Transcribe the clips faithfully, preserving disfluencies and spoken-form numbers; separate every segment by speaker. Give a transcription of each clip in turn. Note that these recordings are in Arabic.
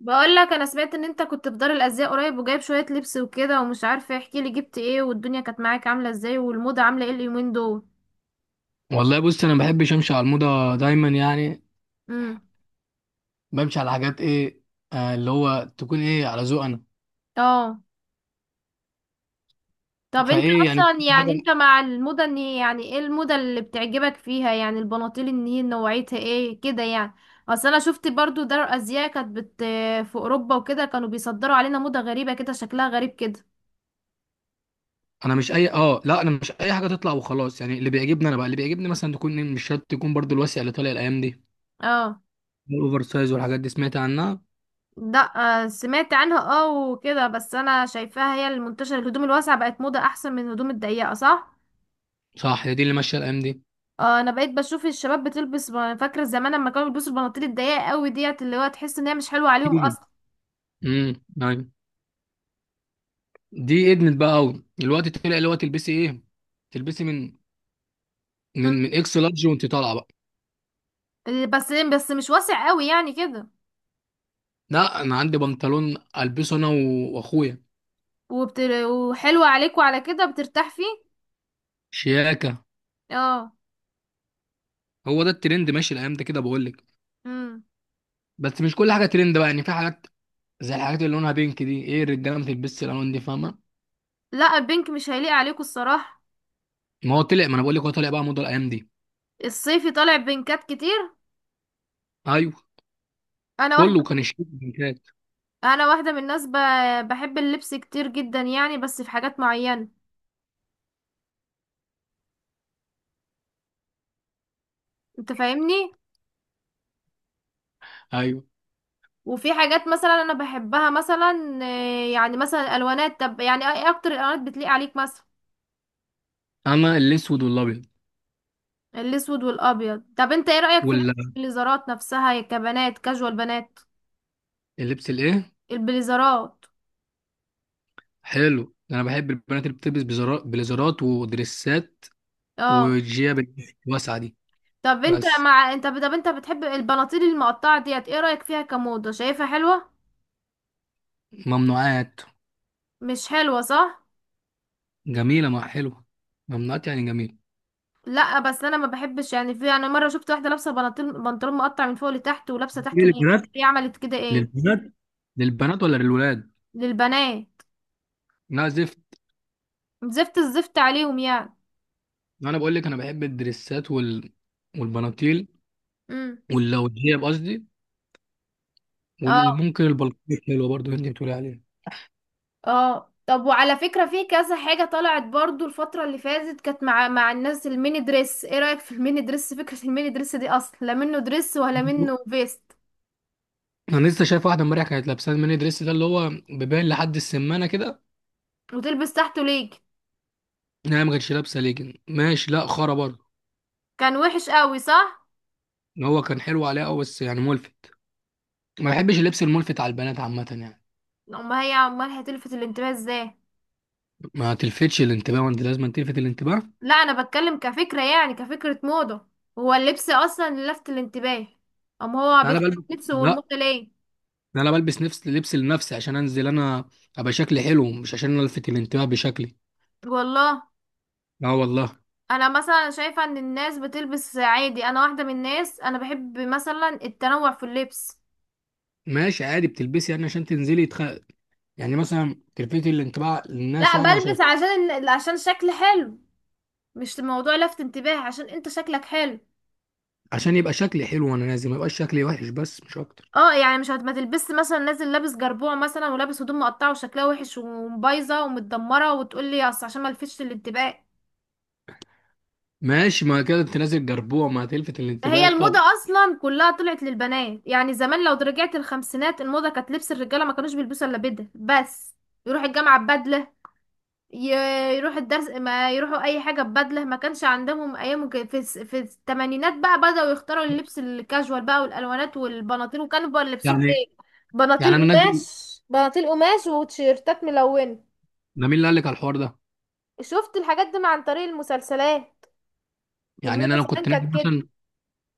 Speaker 1: بقول لك انا سمعت ان انت كنت في دار الازياء قريب وجايب شويه لبس وكده، ومش عارفه، احكي لي جبت ايه، والدنيا كانت معاك عامله ازاي، والموضه عامله ايه اليومين دول؟
Speaker 2: والله بص، انا ما بحبش امشي على الموضه دايما يعني.
Speaker 1: امم.
Speaker 2: بمشي على حاجات ايه، آه اللي هو تكون ايه على ذوق انا.
Speaker 1: اه. طب انت
Speaker 2: فايه يعني
Speaker 1: اصلا
Speaker 2: حاجه.
Speaker 1: يعني انت مع الموضه، ان هي يعني ايه الموضه اللي بتعجبك فيها؟ يعني البناطيل ان هي نوعيتها ايه كده يعني؟ اصل انا شفت برضو دار الازياء كانت بت في اوروبا وكده، كانوا بيصدروا علينا موضه غريبه كده، شكلها غريب كده.
Speaker 2: انا مش اي اه لا، انا مش اي حاجه تطلع وخلاص يعني. اللي بيعجبني انا بقى، اللي بيعجبني مثلا تكون إيه، مش شرط تكون برضو الواسع اللي طالع الايام دي.
Speaker 1: اه.
Speaker 2: الاوفر سايز والحاجات دي سمعت عنها.
Speaker 1: ده آه، سمعت عنها، اه وكده، بس انا شايفاها هي المنتشره، الهدوم الواسعه بقت موضه احسن من الهدوم الضيقه، صح؟
Speaker 2: صح، هي دي اللي ماشيه الايام دي.
Speaker 1: آه، انا بقيت بشوف الشباب بتلبس ب- فاكره زمان لما كانوا بيلبسوا البناطيل الضيقه قوي ديت، اللي هو تحس ان هي مش حلوه عليهم اصلا.
Speaker 2: امم نعم. دي ادمت بقى قوي الوقت. طلع اللي هو تلبسي ايه، تلبسي من
Speaker 1: م.
Speaker 2: من من اكس لارج وانت طالعه بقى.
Speaker 1: بس بس مش واسع قوي يعني كده.
Speaker 2: لا، انا عندي بنطلون البسه انا و- واخويا.
Speaker 1: وبت... وحلوه عليكوا على كده، بترتاح فيه.
Speaker 2: شياكه.
Speaker 1: اه.
Speaker 2: هو ده الترند ماشي الايام ده كده، بقول لك.
Speaker 1: امم.
Speaker 2: بس مش كل حاجه ترند بقى يعني، في حاجات زي الحاجات اللي لونها بينك دي، ايه الرجاله ما بتلبسش الالوان دي، فاهمه؟
Speaker 1: لا، البينك مش هيليق عليكوا الصراحه.
Speaker 2: ما هو طلع، ما انا بقول لك هو طلع بقى موضه الايام دي.
Speaker 1: الصيفي طالع بينكات كتير.
Speaker 2: ايوه.
Speaker 1: انا واحده
Speaker 2: كله كان
Speaker 1: من...
Speaker 2: الشيك بينكات.
Speaker 1: انا واحده من الناس ب... بحب اللبس كتير جدا يعني، بس في حاجات معينه. انت فاهمني.
Speaker 2: ايوه.
Speaker 1: وفي حاجات مثلا انا بحبها مثلا، آه، يعني مثلا الالوانات. طب يعني ايه اكتر الالوانات بتليق عليك مثلا؟
Speaker 2: اما الاسود والابيض.
Speaker 1: الاسود والابيض. طب انت ايه رايك في لبس البليزرات نفسها يا كبنات، كاجوال بنات؟
Speaker 2: واللبس الايه؟
Speaker 1: البليزرات.
Speaker 2: حلو ده، انا بحب البنات اللي بتلبس بزرا- بليزرات ودريسات
Speaker 1: اه.
Speaker 2: والجياب الواسعه دي.
Speaker 1: طب انت
Speaker 2: بس
Speaker 1: مع انت طب انت بتحب البناطيل المقطعه ديت، ايه رايك فيها كموضه؟ شايفها حلوه؟
Speaker 2: ممنوعات.
Speaker 1: مش حلوه صح؟
Speaker 2: جميله مع حلوه. ممنوعات يعني جميله.
Speaker 1: لا، بس انا ما بحبش، يعني في، انا مره شفت واحده لابسه بناطيل، بنطلون مقطع من فوق لتحت، ولابسه
Speaker 2: ليه
Speaker 1: تحته ليك.
Speaker 2: للبنات؟
Speaker 1: هي عملت كده ايه؟
Speaker 2: للبنات. للبنات ولا للولاد؟
Speaker 1: للبنات.
Speaker 2: لا زفت.
Speaker 1: زفت الزفت عليهم يعني.
Speaker 2: ما انا بقول لك انا بحب الدريسات وال... والبناطيل
Speaker 1: امم.
Speaker 2: واللوجيه قصدي.
Speaker 1: اه.
Speaker 2: وممكن البلطيك حلوه برضو اللي انت بتقولي عليه.
Speaker 1: اه، طب وعلى فكرة في كذا حاجة طلعت برضو الفترة اللي فاتت، كانت مع مع الناس الميني دريس، ايه رأيك في الميني دريس؟ فكرة الميني دريس دي اصلا لا منه دريس ولا منه فيست.
Speaker 2: انا لسه شايف واحده امبارح كانت لابسه الميني دريس ده اللي هو بيبان لحد السمانه كده.
Speaker 1: وتلبس تحته ليج.
Speaker 2: إن هي ما كانتش لابسه ليجن، ماشي، لا خرا برضه.
Speaker 1: كان وحش قوي، صح؟
Speaker 2: إن هو كان حلو عليها قوي، بس يعني ملفت. ما بحبش اللبس الملفت على البنات عامه يعني.
Speaker 1: امال هي امال هتلفت الانتباه ازاي؟
Speaker 2: ما تلفتش الانتباه، وانت لازم تلفت الانتباه.
Speaker 1: لا، انا بتكلم كفكرة، يعني كفكرة موضة. هو اللبس اصلا اللي لفت الانتباه. ام هو
Speaker 2: لا انا
Speaker 1: بيختار
Speaker 2: بلبس
Speaker 1: لبسه
Speaker 2: لا،
Speaker 1: والموضة ليه؟
Speaker 2: ده انا بلبس نفس لبس لنفسي عشان انزل انا، ابقى شكلي حلو، مش عشان الفت الانتباه بشكلي.
Speaker 1: والله.
Speaker 2: اه، والله.
Speaker 1: انا مثلا شايفة ان الناس بتلبس عادي، انا واحدة من الناس، انا بحب مثلا التنوع في اللبس.
Speaker 2: ماشي، عادي بتلبسي يعني عشان تنزلي تخ... يعني مثلا تلفتي الانطباع للناس
Speaker 1: لا،
Speaker 2: يعني، وشايف.
Speaker 1: بلبس عشان إن- عشان شكل حلو، مش موضوع لفت انتباه، عشان انت شكلك حلو.
Speaker 2: عشان يبقى شكلي حلو وانا نازل، ما يبقاش شكلي وحش، بس مش اكتر.
Speaker 1: اه يعني مش هت- ما تلبس مثلا نازل لابس جربوع مثلا، ولابس هدوم مقطعة وشكلها وحش وبايظة ومتدمرة، وتقولي اصل عشان ما لفتش الانتباه.
Speaker 2: ماشي، ما كده انت نازل جربوع، ما هتلفت الانتباه
Speaker 1: هي الموضة
Speaker 2: طبعا.
Speaker 1: اصلا كلها طلعت للبنات يعني، زمان لو رجعت الخمسينات الموضة كانت لبس الرجالة، ما كانوش بيلبسوا الا بدل بس. يروح الجامعة ببدلة، ي- يروح الدرس، ما يروحوا اي حاجه ببدله، ما كانش عندهم ايام كده. في الس- في الثمانينات بقى بداوا يختاروا اللبس الكاجوال بقى، والالوانات والبناطيل، وكانوا بقى لبسهم
Speaker 2: يعني
Speaker 1: ايه؟
Speaker 2: يعني انا
Speaker 1: بناطيل
Speaker 2: نازل.
Speaker 1: قماش، بناطيل قماش، وتيشيرتات ملونه.
Speaker 2: ده مين اللي قال لك على الحوار ده؟
Speaker 1: شفت الحاجات دي مع- عن طريق المسلسلات
Speaker 2: يعني انا
Speaker 1: والموضه،
Speaker 2: لو
Speaker 1: زمان
Speaker 2: كنت نازل
Speaker 1: كانت كده.
Speaker 2: مثلا،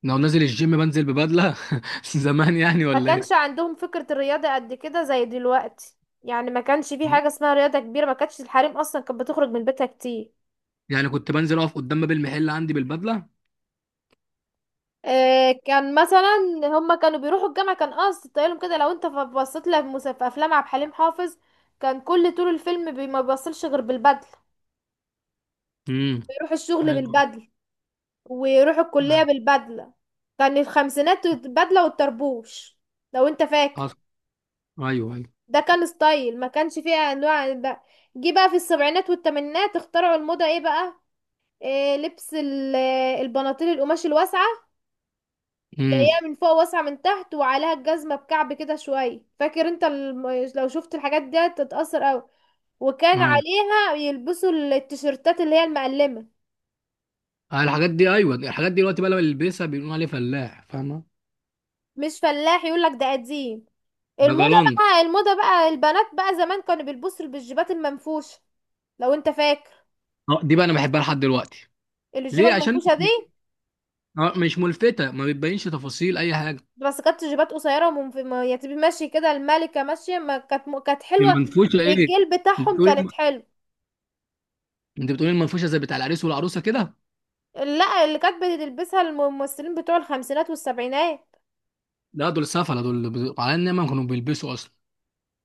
Speaker 2: لو نازل الجيم بنزل ببدله زمان يعني،
Speaker 1: ما
Speaker 2: ولا
Speaker 1: كانش
Speaker 2: ايه؟
Speaker 1: عندهم فكره الرياضه قد كده زي دلوقتي. يعني ما كانش في حاجه اسمها رياضه كبيره، ما كانتش الحريم اصلا كانت بتخرج من بيتها كتير.
Speaker 2: يعني كنت بنزل اقف قدام باب المحل عندي بالبدله.
Speaker 1: آه، كان مثلا هما كانوا بيروحوا الجامعة، كان قصد طيالهم كده، لو انت ف- بصيت لها في مس- في افلام عبد الحليم حافظ، كان كل طول الفيلم بي- ما بيبصلش غير بالبدلة.
Speaker 2: امم
Speaker 1: بيروح الشغل
Speaker 2: حلو.
Speaker 1: بالبدلة، ويروح الكلية بالبدلة، كان الخمسينات البدلة والطربوش، لو انت فاكر.
Speaker 2: حصل. ايوه ايوه.
Speaker 1: ده كان ستايل، ما كانش فيه انواع بقى. جه بقى في السبعينات والثمانينات، اخترعوا الموضة ايه بقى؟ إيه لبس ال- البناطيل القماش الواسعة،
Speaker 2: امم
Speaker 1: ضيقة من فوق واسعة من تحت، وعليها الجزمة بكعب كده شوية، فاكر انت الم... لو شفت الحاجات دي تتأثر اوي. وكان عليها يلبسوا التيشيرتات اللي هي المقلمة.
Speaker 2: آه، الحاجات دي، ايوه الحاجات دي دلوقتي بقى لما يلبسها بيقولوا عليه فلاح، فاهمه؟
Speaker 1: مش فلاح، يقولك ده قديم،
Speaker 2: ده
Speaker 1: الموضة.
Speaker 2: جلان.
Speaker 1: بقى الموضة بقى البنات بقى، زمان كانوا بيلبسوا بالجيبات المنفوشة، لو انت فاكر،
Speaker 2: اه، دي بقى انا بحبها لحد دلوقتي.
Speaker 1: الجيبة
Speaker 2: ليه؟ عشان
Speaker 1: المنفوشة دي.
Speaker 2: آه، مش ملفته، ما بتبينش تفاصيل اي حاجه.
Speaker 1: بس كانت جيبات قصيرة ومنف... ما- يعني تبقى ماشي كده الملكة ماشية، ما كانت م... كانت حلوة.
Speaker 2: المنفوشه ايه؟
Speaker 1: بالجيل
Speaker 2: انت
Speaker 1: بتاعهم كانت
Speaker 2: بتقول،
Speaker 1: حلوة.
Speaker 2: انت بتقول المنفوشه زي بتاع العريس والعروسه كده؟
Speaker 1: لا، اللي كانت بتلبسها الممثلين بتوع الخمسينات والسبعينات.
Speaker 2: لا دول سفله، دول ب- على ان ما كانوا بيلبسوا اصلا.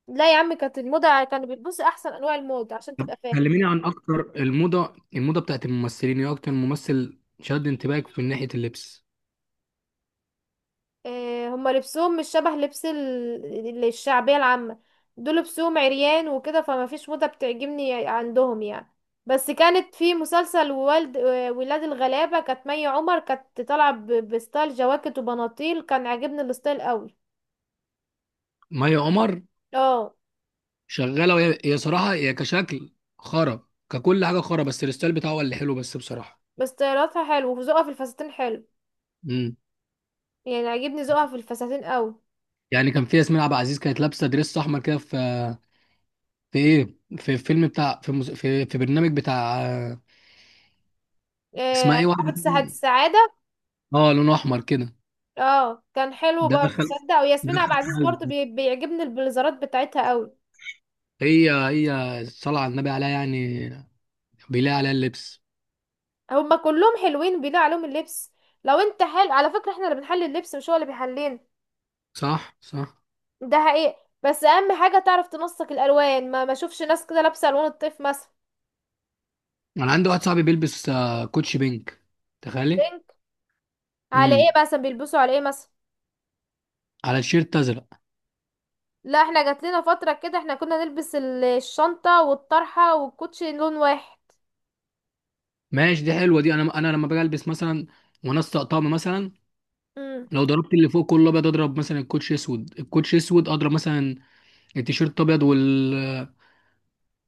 Speaker 1: لا يا عم كانت الموضة، كانوا بيلبسوا احسن انواع الموضة عشان
Speaker 2: طب
Speaker 1: تبقى فاهم.
Speaker 2: كلميني عن اكتر الموضه، الموضه بتاعت الممثلين، ايه اكتر ممثل شد انتباهك في ناحيه اللبس؟
Speaker 1: آه هما لبسهم مش شبه لبس ال- ال- الشعبية العامة. دول لبسهم عريان وكده، فما فيش موضة بتعجبني عندهم يعني. بس كانت في مسلسل والد آه، ولاد الغلابة، كانت مي عمر كانت طالعة ب- بستايل جواكت وبناطيل، كان عاجبني الستايل قوي.
Speaker 2: مي عمر
Speaker 1: اه.
Speaker 2: شغاله، وهي هي صراحه هي كشكل خرا، ككل حاجه خرا، بس الستايل بتاعه هو اللي حلو بس بصراحه.
Speaker 1: بس طياراتها حلو وذوقها في الفساتين حلو،
Speaker 2: امم.
Speaker 1: يعني عاجبني ذوقها في الفساتين قوي.
Speaker 2: يعني كان في ياسمين عبد العزيز كانت لابسه دريس احمر كده، في في ايه، في فيلم بتاع، في مز... في في برنامج بتاع، اسمها
Speaker 1: آه،
Speaker 2: ايه واحده
Speaker 1: صاحبة سعد
Speaker 2: كده؟
Speaker 1: السعادة.
Speaker 2: اه لونه احمر كده.
Speaker 1: اه، كان حلو
Speaker 2: ده
Speaker 1: برضه
Speaker 2: دخل
Speaker 1: تصدق، وياسمين عبد
Speaker 2: دخل
Speaker 1: العزيز برضه
Speaker 2: قلبي.
Speaker 1: بي... بيعجبني البليزرات بتاعتها قوي.
Speaker 2: هي هي صلى على النبي عليها يعني، بيلاقي عليها اللبس.
Speaker 1: هما كلهم حلوين بيليق عليهم اللبس. لو انت حلو، على فكرة احنا اللي بنحلي اللبس مش هو اللي بيحلينا.
Speaker 2: صح صح.
Speaker 1: ده حقيقي. بس اهم حاجة تعرف تنسق الالوان، ما ما اشوفش ناس كده لابسة الوان الطيف مثلا.
Speaker 2: انا عندي واحد صاحبي بيلبس آه، كوتشي بينك، تخيلي.
Speaker 1: بينك. على
Speaker 2: امم.
Speaker 1: ايه مثلا بيلبسوا على ايه مثلا؟
Speaker 2: على الشيرت ازرق.
Speaker 1: لا، احنا جات لنا فترة كده احنا كنا نلبس ال- الشنطة والطرحة والكوتشي لون واحد.
Speaker 2: ماشي، دي حلوه دي. انا انا لما باجي البس مثلا وانا أسطق طقم مثلا،
Speaker 1: امم.
Speaker 2: لو ضربت اللي فوق كله ابيض اضرب مثلا الكوتش اسود، الكوتش اسود، اضرب مثلا التيشيرت ابيض وال،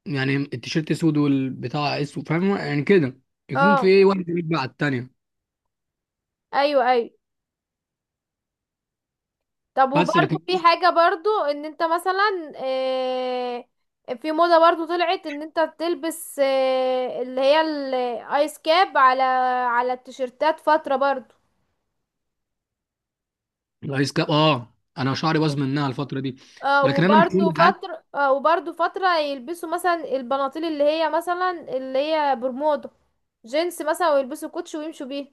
Speaker 2: يعني التيشيرت اسود والبتاع اسود، فاهم يعني كده؟ يكون في
Speaker 1: اه،
Speaker 2: ايه، واحد يرجع على التانيه.
Speaker 1: ايوه ايوه. طب
Speaker 2: بس
Speaker 1: وبرضو
Speaker 2: لكن
Speaker 1: في حاجة برضو ان انت مثلا آه، في موضة برضو طلعت ان انت تلبس آه، اللي هي الايس كاب، على على التيشيرتات فترة برضو.
Speaker 2: الايس كاب، اه انا شعري باظ منها الفتره دي.
Speaker 1: آه،
Speaker 2: ولكن انا مش كل
Speaker 1: وبرضو
Speaker 2: حاجه.
Speaker 1: فترة آه، وبرضو فترة يلبسوا مثلا البناطيل اللي هي مثلا، اللي هي برمودا، جينز مثلا، ويلبسوا كوتش ويمشوا بيه.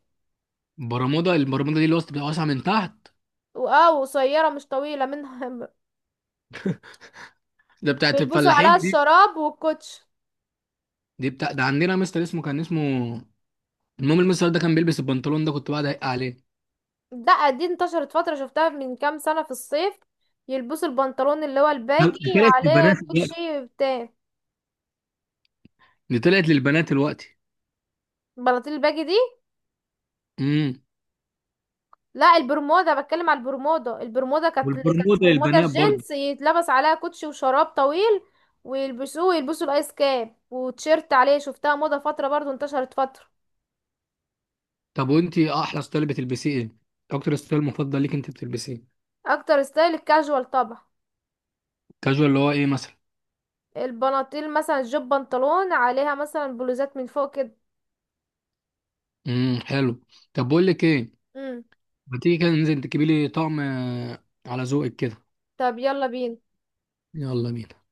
Speaker 2: برمودا؟ البرمودا دي اللي وسط بتبقى واسعه من تحت؟
Speaker 1: واه قصيرة مش طويلة منها.
Speaker 2: ده بتاعت
Speaker 1: ويلبسوا عليها
Speaker 2: الفلاحين دي.
Speaker 1: الشراب والكوتش.
Speaker 2: دي بتاع ده، عندنا مستر اسمه، كان اسمه، المهم المستر ده كان بيلبس البنطلون ده، كنت بقعد اضايق عليه.
Speaker 1: لا، دي انتشرت فترة، شفتها من كام سنة في الصيف يلبسوا البنطلون اللي هو
Speaker 2: هل-
Speaker 1: الباجي،
Speaker 2: طلعت
Speaker 1: عليه
Speaker 2: للبنات دلوقتي؟
Speaker 1: كوتشي بتاع
Speaker 2: دي طلعت للبنات دلوقتي؟
Speaker 1: بناطيل الباجي دي.
Speaker 2: امم.
Speaker 1: لا، البرمودا، بتكلم على البرمودا. البرمودا كانت كانت
Speaker 2: والبرمودا
Speaker 1: برمودا
Speaker 2: للبنات برضه؟
Speaker 1: الجينز يتلبس عليها كوتشي وشراب طويل، ويلبسوه يلبسوا الايس كاب وتيشيرت عليه، شفتها موضة فترة برضو، انتشرت فترة.
Speaker 2: طب وانت احلى ستايل بتلبسيه ايه؟ اكتر ستايل مفضل ليك انت بتلبسيه؟
Speaker 1: اكتر ستايل الكاجوال طبعا.
Speaker 2: كاجوال، اللي هو ايه مثلا؟
Speaker 1: البناطيل مثلا جيب بنطلون عليها مثلا بلوزات من فوق كده.
Speaker 2: امم، حلو. طب بقول لك ايه،
Speaker 1: امم.
Speaker 2: ما تيجي كده ننزل تجيبي لي طقم آه، على ذوقك كده.
Speaker 1: طب يلا بينا.
Speaker 2: يلا بينا.